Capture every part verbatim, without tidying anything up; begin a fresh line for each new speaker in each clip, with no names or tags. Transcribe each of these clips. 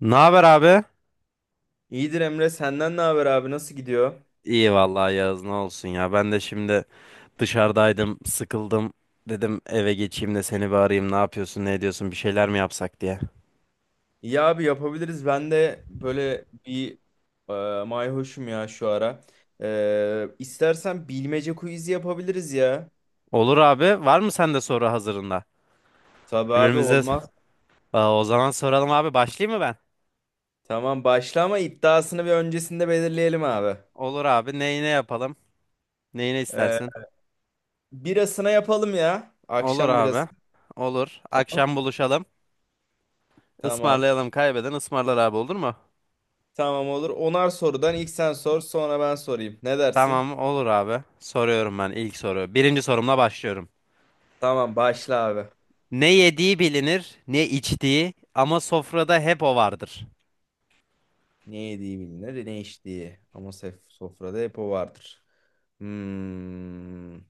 Ne haber abi?
İyidir Emre, senden ne haber abi? Nasıl gidiyor?
İyi vallahi Yağız ne olsun ya. Ben de şimdi dışarıdaydım, sıkıldım. Dedim eve geçeyim de seni bir arayayım. Ne yapıyorsun, ne ediyorsun, bir şeyler mi yapsak diye.
İyi abi yapabiliriz. Ben de böyle bir e, mayhoşum ya şu ara. E, istersen bilmece quizi yapabiliriz ya.
Olur abi. Var mı sende soru hazırında?
Tabii abi
Birbirimize
olmaz.
Aa, o zaman soralım abi. Başlayayım mı ben?
Tamam başla ama iddiasını bir öncesinde belirleyelim abi.
Olur abi. Neyine yapalım? Neyine
E,
istersin?
birasına yapalım ya.
Olur
Akşam birası.
abi. Olur. Akşam buluşalım.
Tamam.
Ismarlayalım. Kaybeden ısmarlar abi, olur mu?
Tamam olur. Onar sorudan ilk sen sor, sonra ben sorayım. Ne dersin?
Tamam olur abi. Soruyorum ben, ilk soru. Birinci sorumla başlıyorum.
Tamam başla abi.
Ne yediği bilinir, ne içtiği, ama sofrada hep o vardır.
Ne yediği bilinir, ne içtiği. Ama sef- sofrada hep o vardır. Hmm.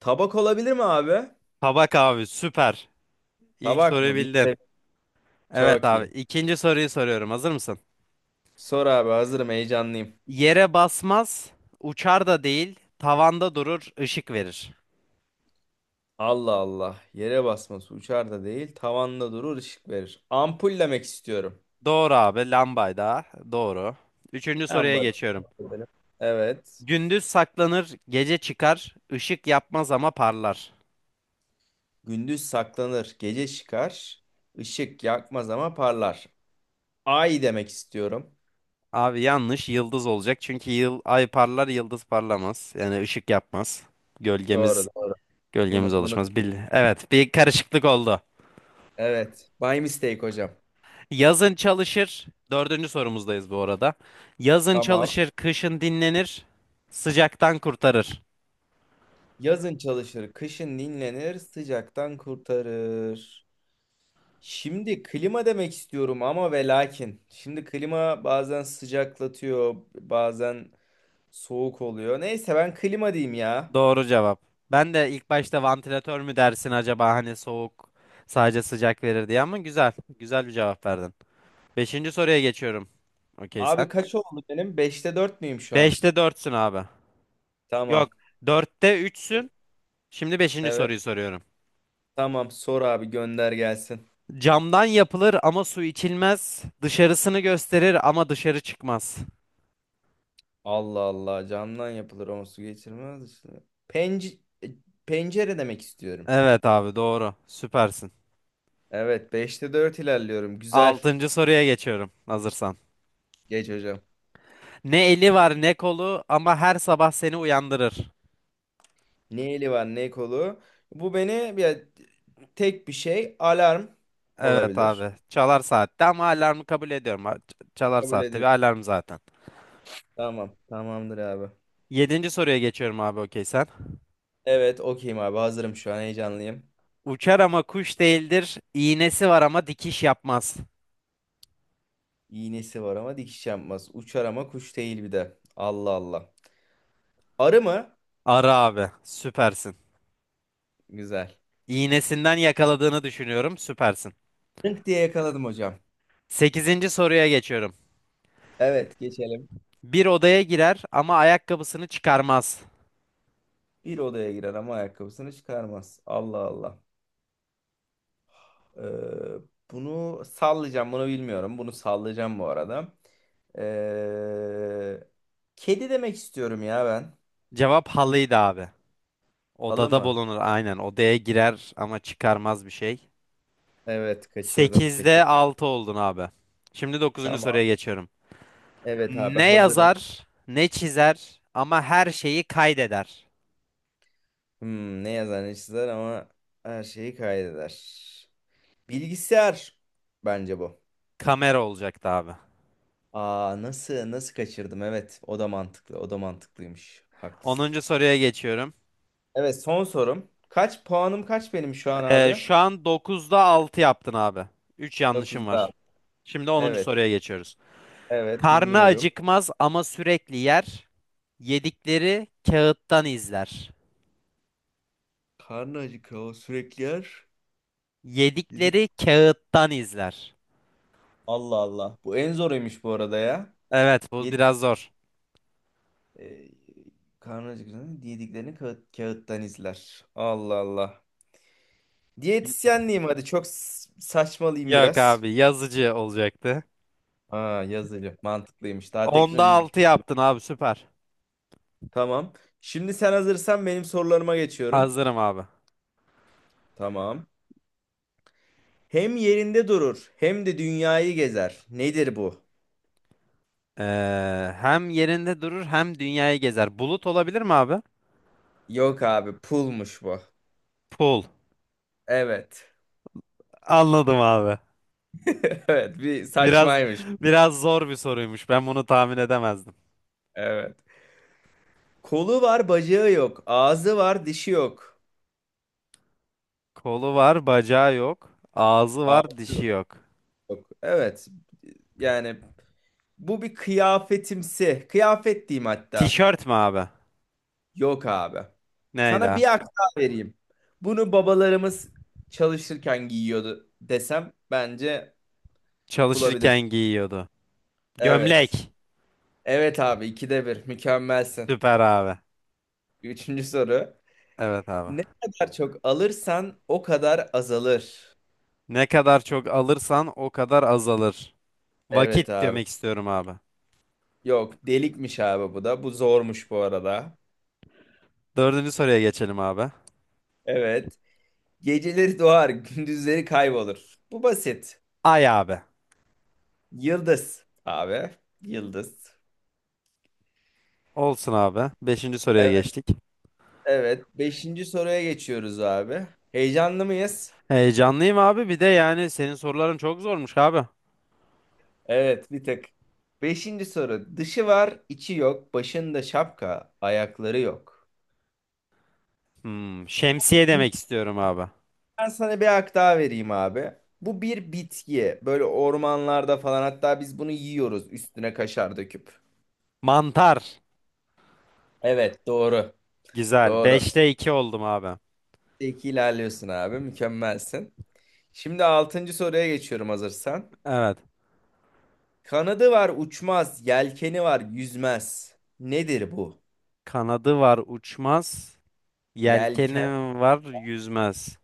Tabak olabilir mi abi?
Tabak abi, süper. İlk
Tabak
soruyu
mı?
bildin.
Bilse
Evet
çok
abi.
iyi.
İkinci soruyu soruyorum. Hazır mısın?
Sor abi, hazırım, heyecanlıyım.
Yere basmaz, uçar da değil, tavanda durur, ışık verir.
Allah Allah. Yere basması uçar da değil, tavanda durur, ışık verir. Ampul demek istiyorum.
Doğru abi, lambayda. Doğru. Üçüncü
En
soruya
basit.
geçiyorum.
Evet.
Gündüz saklanır, gece çıkar, ışık yapmaz ama parlar.
Gündüz saklanır, gece çıkar. Işık yakmaz ama parlar. Ay demek istiyorum.
Abi yanlış, yıldız olacak. Çünkü yıl, ay parlar, yıldız parlamaz. Yani ışık yapmaz.
Doğru,
Gölgemiz
doğru.
Gölgemiz
Bunu bunu,
alışmaz. Bil evet, bir karışıklık oldu.
evet. By mistake hocam.
Yazın çalışır. Dördüncü sorumuzdayız bu arada. Yazın
Tamam.
çalışır, kışın dinlenir, sıcaktan kurtarır.
Yazın çalışır, kışın dinlenir, sıcaktan kurtarır. Şimdi klima demek istiyorum ama ve lakin. Şimdi klima bazen sıcaklatıyor, bazen soğuk oluyor. Neyse ben klima diyeyim ya.
Doğru cevap. Ben de ilk başta vantilatör mü dersin acaba hani, soğuk sadece sıcak verir diye, ama güzel. Güzel bir cevap verdin. Beşinci soruya geçiyorum. Okey sen.
Abi kaç oldu benim? Beşte dört müyüm şu an?
Beşte dörtsün abi.
Tamam.
Yok. Dörtte üçsün. Şimdi beşinci
Evet.
soruyu soruyorum.
Tamam, sor abi, gönder gelsin.
Camdan yapılır ama su içilmez. Dışarısını gösterir ama dışarı çıkmaz.
Allah Allah, camdan yapılır ama su geçirmez işte. Penc e, pencere demek istiyorum.
Evet abi, doğru. Süpersin.
Evet, beşte dört ilerliyorum. Güzel.
Altıncı soruya geçiyorum hazırsan.
Geç hocam.
Ne eli var ne kolu, ama her sabah seni uyandırır.
Ne eli var, ne kolu. Bu beni bir tek bir şey, alarm
Evet
olabilir.
abi. Çalar saatte, ama alarmı kabul ediyorum. Ha, ç- Çalar
Kabul
saatte bir
ediyorum.
alarm zaten.
Tamam. Tamamdır abi.
Yedinci soruya geçiyorum abi, okey sen.
Evet, okeyim abi, hazırım şu an, heyecanlıyım.
Uçar ama kuş değildir. İğnesi var ama dikiş yapmaz.
İğnesi var ama dikiş yapmaz. Uçar ama kuş değil bir de. Allah Allah. Arı mı?
Ara abi. Süpersin.
Güzel.
İğnesinden yakaladığını düşünüyorum. Süpersin.
Rınk diye yakaladım hocam.
Sekizinci soruya geçiyorum.
Evet, geçelim.
Bir odaya girer ama ayakkabısını çıkarmaz.
Bir odaya girer ama ayakkabısını çıkarmaz. Allah Allah. Ee, bunu sallayacağım, bunu bilmiyorum. Bunu sallayacağım bu arada. Ee, kedi demek istiyorum ya ben.
Cevap halıydı abi.
Halı
Odada
mı?
bulunur, aynen. Odaya girer ama çıkarmaz bir şey.
Evet, kaçırdım,
Sekizde
kaçırdım.
altı oldun abi. Şimdi dokuzuncu
Tamam.
soruya geçiyorum.
Evet abi,
Ne
hazırım.
yazar, ne çizer, ama her şeyi kaydeder.
Hmm, ne yazar, ne çizer ama her şeyi kaydeder. Bilgisayar bence bu.
Kamera olacaktı abi.
Aa, nasıl nasıl kaçırdım? Evet, o da mantıklı. O da mantıklıymış. Haklısın.
Onuncu soruya geçiyorum.
Evet, son sorum. Kaç puanım kaç benim şu an
Ee,
abi?
şu an dokuzda altı yaptın abi. Üç yanlışım
dokuzda.
var. Şimdi onuncu
Evet.
soruya geçiyoruz.
Evet,
Karnı
dinliyorum.
acıkmaz ama sürekli yer. Yedikleri kağıttan izler.
Karnı acıkıyor, o sürekli yer. Yedik.
Yedikleri kağıttan izler.
Allah Allah. Bu en zoruymuş bu arada ya.
Evet, bu
Yedi,
biraz zor.
e, karnı acıkınca yediklerini kağıt, kağıttan izler. Allah Allah. Diyetisyenliğim hadi, çok s- saçmalıyım
Yok
biraz.
abi, yazıcı olacaktı.
Aa, yazılı. Mantıklıymış. Daha
Onda
teknoloji.
altı yaptın abi, süper.
Tamam. Şimdi sen hazırsan benim sorularıma geçiyorum.
Hazırım abi.
Tamam. Hem yerinde durur, hem de dünyayı gezer. Nedir bu?
Ee, hem yerinde durur hem dünyayı gezer. Bulut olabilir mi abi?
Yok abi, pulmuş bu.
Pul.
Evet.
Anladım abi.
Evet, bir
Biraz
saçmaymış.
biraz zor bir soruymuş. Ben bunu tahmin edemezdim.
Evet. Kolu var, bacağı yok. Ağzı var, dişi yok.
Kolu var, bacağı yok. Ağzı
Ağzı
var, dişi
var,
yok.
yok. Evet. Yani bu bir kıyafetimsi. Kıyafet diyeyim hatta.
Tişört mü abi?
Yok abi.
Neydi
Sana
abi?
bir hak daha vereyim. Bunu babalarımız çalışırken giyiyordu desem bence
Çalışırken
bulabilirsin.
giyiyordu. Gömlek.
Evet. Evet abi, ikide bir. Mükemmelsin.
Süper abi.
Üçüncü soru.
Evet abi.
Ne kadar çok alırsan o kadar azalır.
Ne kadar çok alırsan o kadar azalır.
Evet
Vakit
abi.
demek istiyorum abi.
Yok, delikmiş abi bu da. Bu zormuş bu arada.
Dördüncü soruya geçelim abi.
Evet. Geceleri doğar, gündüzleri kaybolur. Bu basit.
Ay abi.
Yıldız abi. Yıldız.
Olsun abi. Beşinci soruya
Evet.
geçtik.
Evet. Beşinci soruya geçiyoruz abi. Heyecanlı mıyız?
Heyecanlıyım abi. Bir de yani senin soruların çok zormuş abi.
Evet, bir tık. Beşinci soru. Dışı var, içi yok. Başında şapka, ayakları yok.
Hmm, şemsiye
Bir-
demek istiyorum abi.
Ben sana bir hak daha vereyim abi. Bu bir bitki. Böyle ormanlarda falan, hatta biz bunu yiyoruz üstüne kaşar döküp.
Mantar.
Evet, doğru.
Güzel.
Doğru.
Beşte iki oldum abi.
İki ilerliyorsun abi. Mükemmelsin. Şimdi altıncı soruya geçiyorum hazırsan.
Evet.
Kanadı var uçmaz, yelkeni var yüzmez. Nedir bu?
Kanadı var uçmaz.
Yelken
Yelkeni var yüzmez.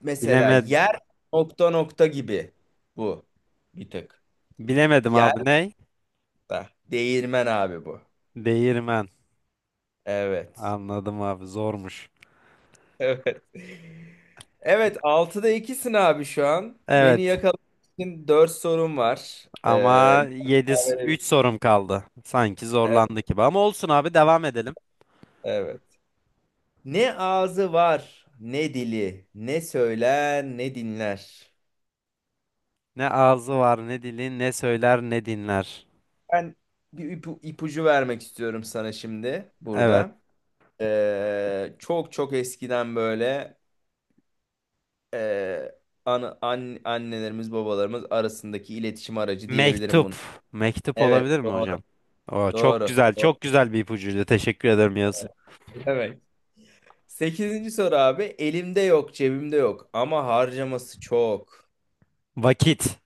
mesela
Bileme
yer nokta nokta gibi, bu bir tık.
Bilemedim
Yer
abi. Ne?
da değirmen abi bu.
Değirmen.
Evet.
Anladım abi. Zormuş.
Evet. Evet, altıda ikisin abi şu an. Beni
Evet.
yakalamak için dört sorum var. Ee,
Ama yedi
yani-
üç sorum kaldı. Sanki
evet,
zorlandık gibi. Ama olsun abi, devam edelim.
evet. Ne ağzı var, ne dili, ne söyler, ne dinler.
Ne ağzı var, ne dili, ne söyler, ne dinler.
Ben bir ipu- ipucu vermek istiyorum sana şimdi
Evet.
burada. Ee, çok çok eskiden böyle e, ana- an, annelerimiz babalarımız arasındaki iletişim aracı diyebilirim
Mektup.
bunu.
Mektup
Evet
olabilir mi
doğru,
hocam? Oo, çok
doğru.
güzel. Çok
Doğru.
güzel bir ipucuydu. Teşekkür ederim Yağız.
Evet. Sekizinci soru abi, elimde yok cebimde yok ama harcaması çok.
Vakit.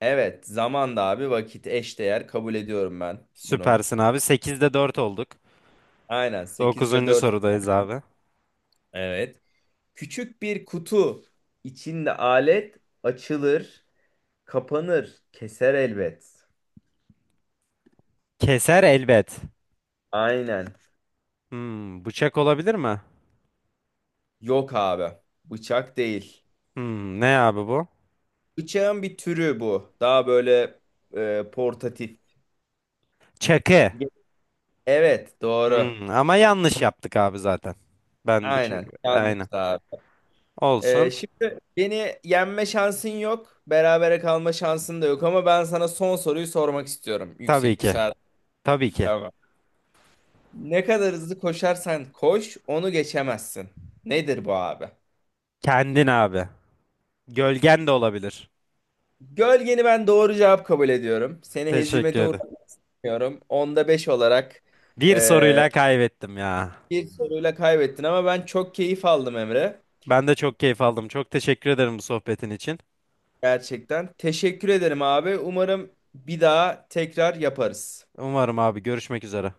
Evet, zaman da abi vakit eşdeğer kabul ediyorum ben bunu.
Süpersin abi. Sekizde dört olduk.
Aynen, sekizde
Dokuzuncu
dört.
sorudayız abi.
Evet. Küçük bir kutu, içinde alet açılır, kapanır, keser elbet.
Keser elbet.
Aynen.
Hmm, bıçak olabilir mi?
Yok abi. Bıçak değil.
Hmm, ne abi bu?
Bıçağın bir türü bu. Daha böyle e, portatif.
Çakı.
Evet, doğru.
Hmm, ama yanlış yaptık abi zaten. Ben bu çakı.
Aynen. Yanlış
Aynen.
abi. E,
Olsun.
şimdi beni yenme şansın yok. Berabere kalma şansın da yok ama ben sana son soruyu sormak istiyorum.
Tabii
Yüksek bir
ki.
saat.
Tabii ki.
Tamam. Ne kadar hızlı koşarsan koş, onu geçemezsin. Nedir bu abi?
Kendin abi. Gölgen de olabilir.
Gölgeni ben doğru cevap kabul ediyorum. Seni
Teşekkür
hezimete
ederim.
uğratmak istemiyorum. Onda beş olarak
Bir
eee,
soruyla kaybettim ya.
bir soruyla kaybettin ama ben çok keyif aldım Emre.
Ben de çok keyif aldım. Çok teşekkür ederim bu sohbetin için.
Gerçekten. Teşekkür ederim abi. Umarım bir daha tekrar yaparız.
Umarım abi, görüşmek üzere.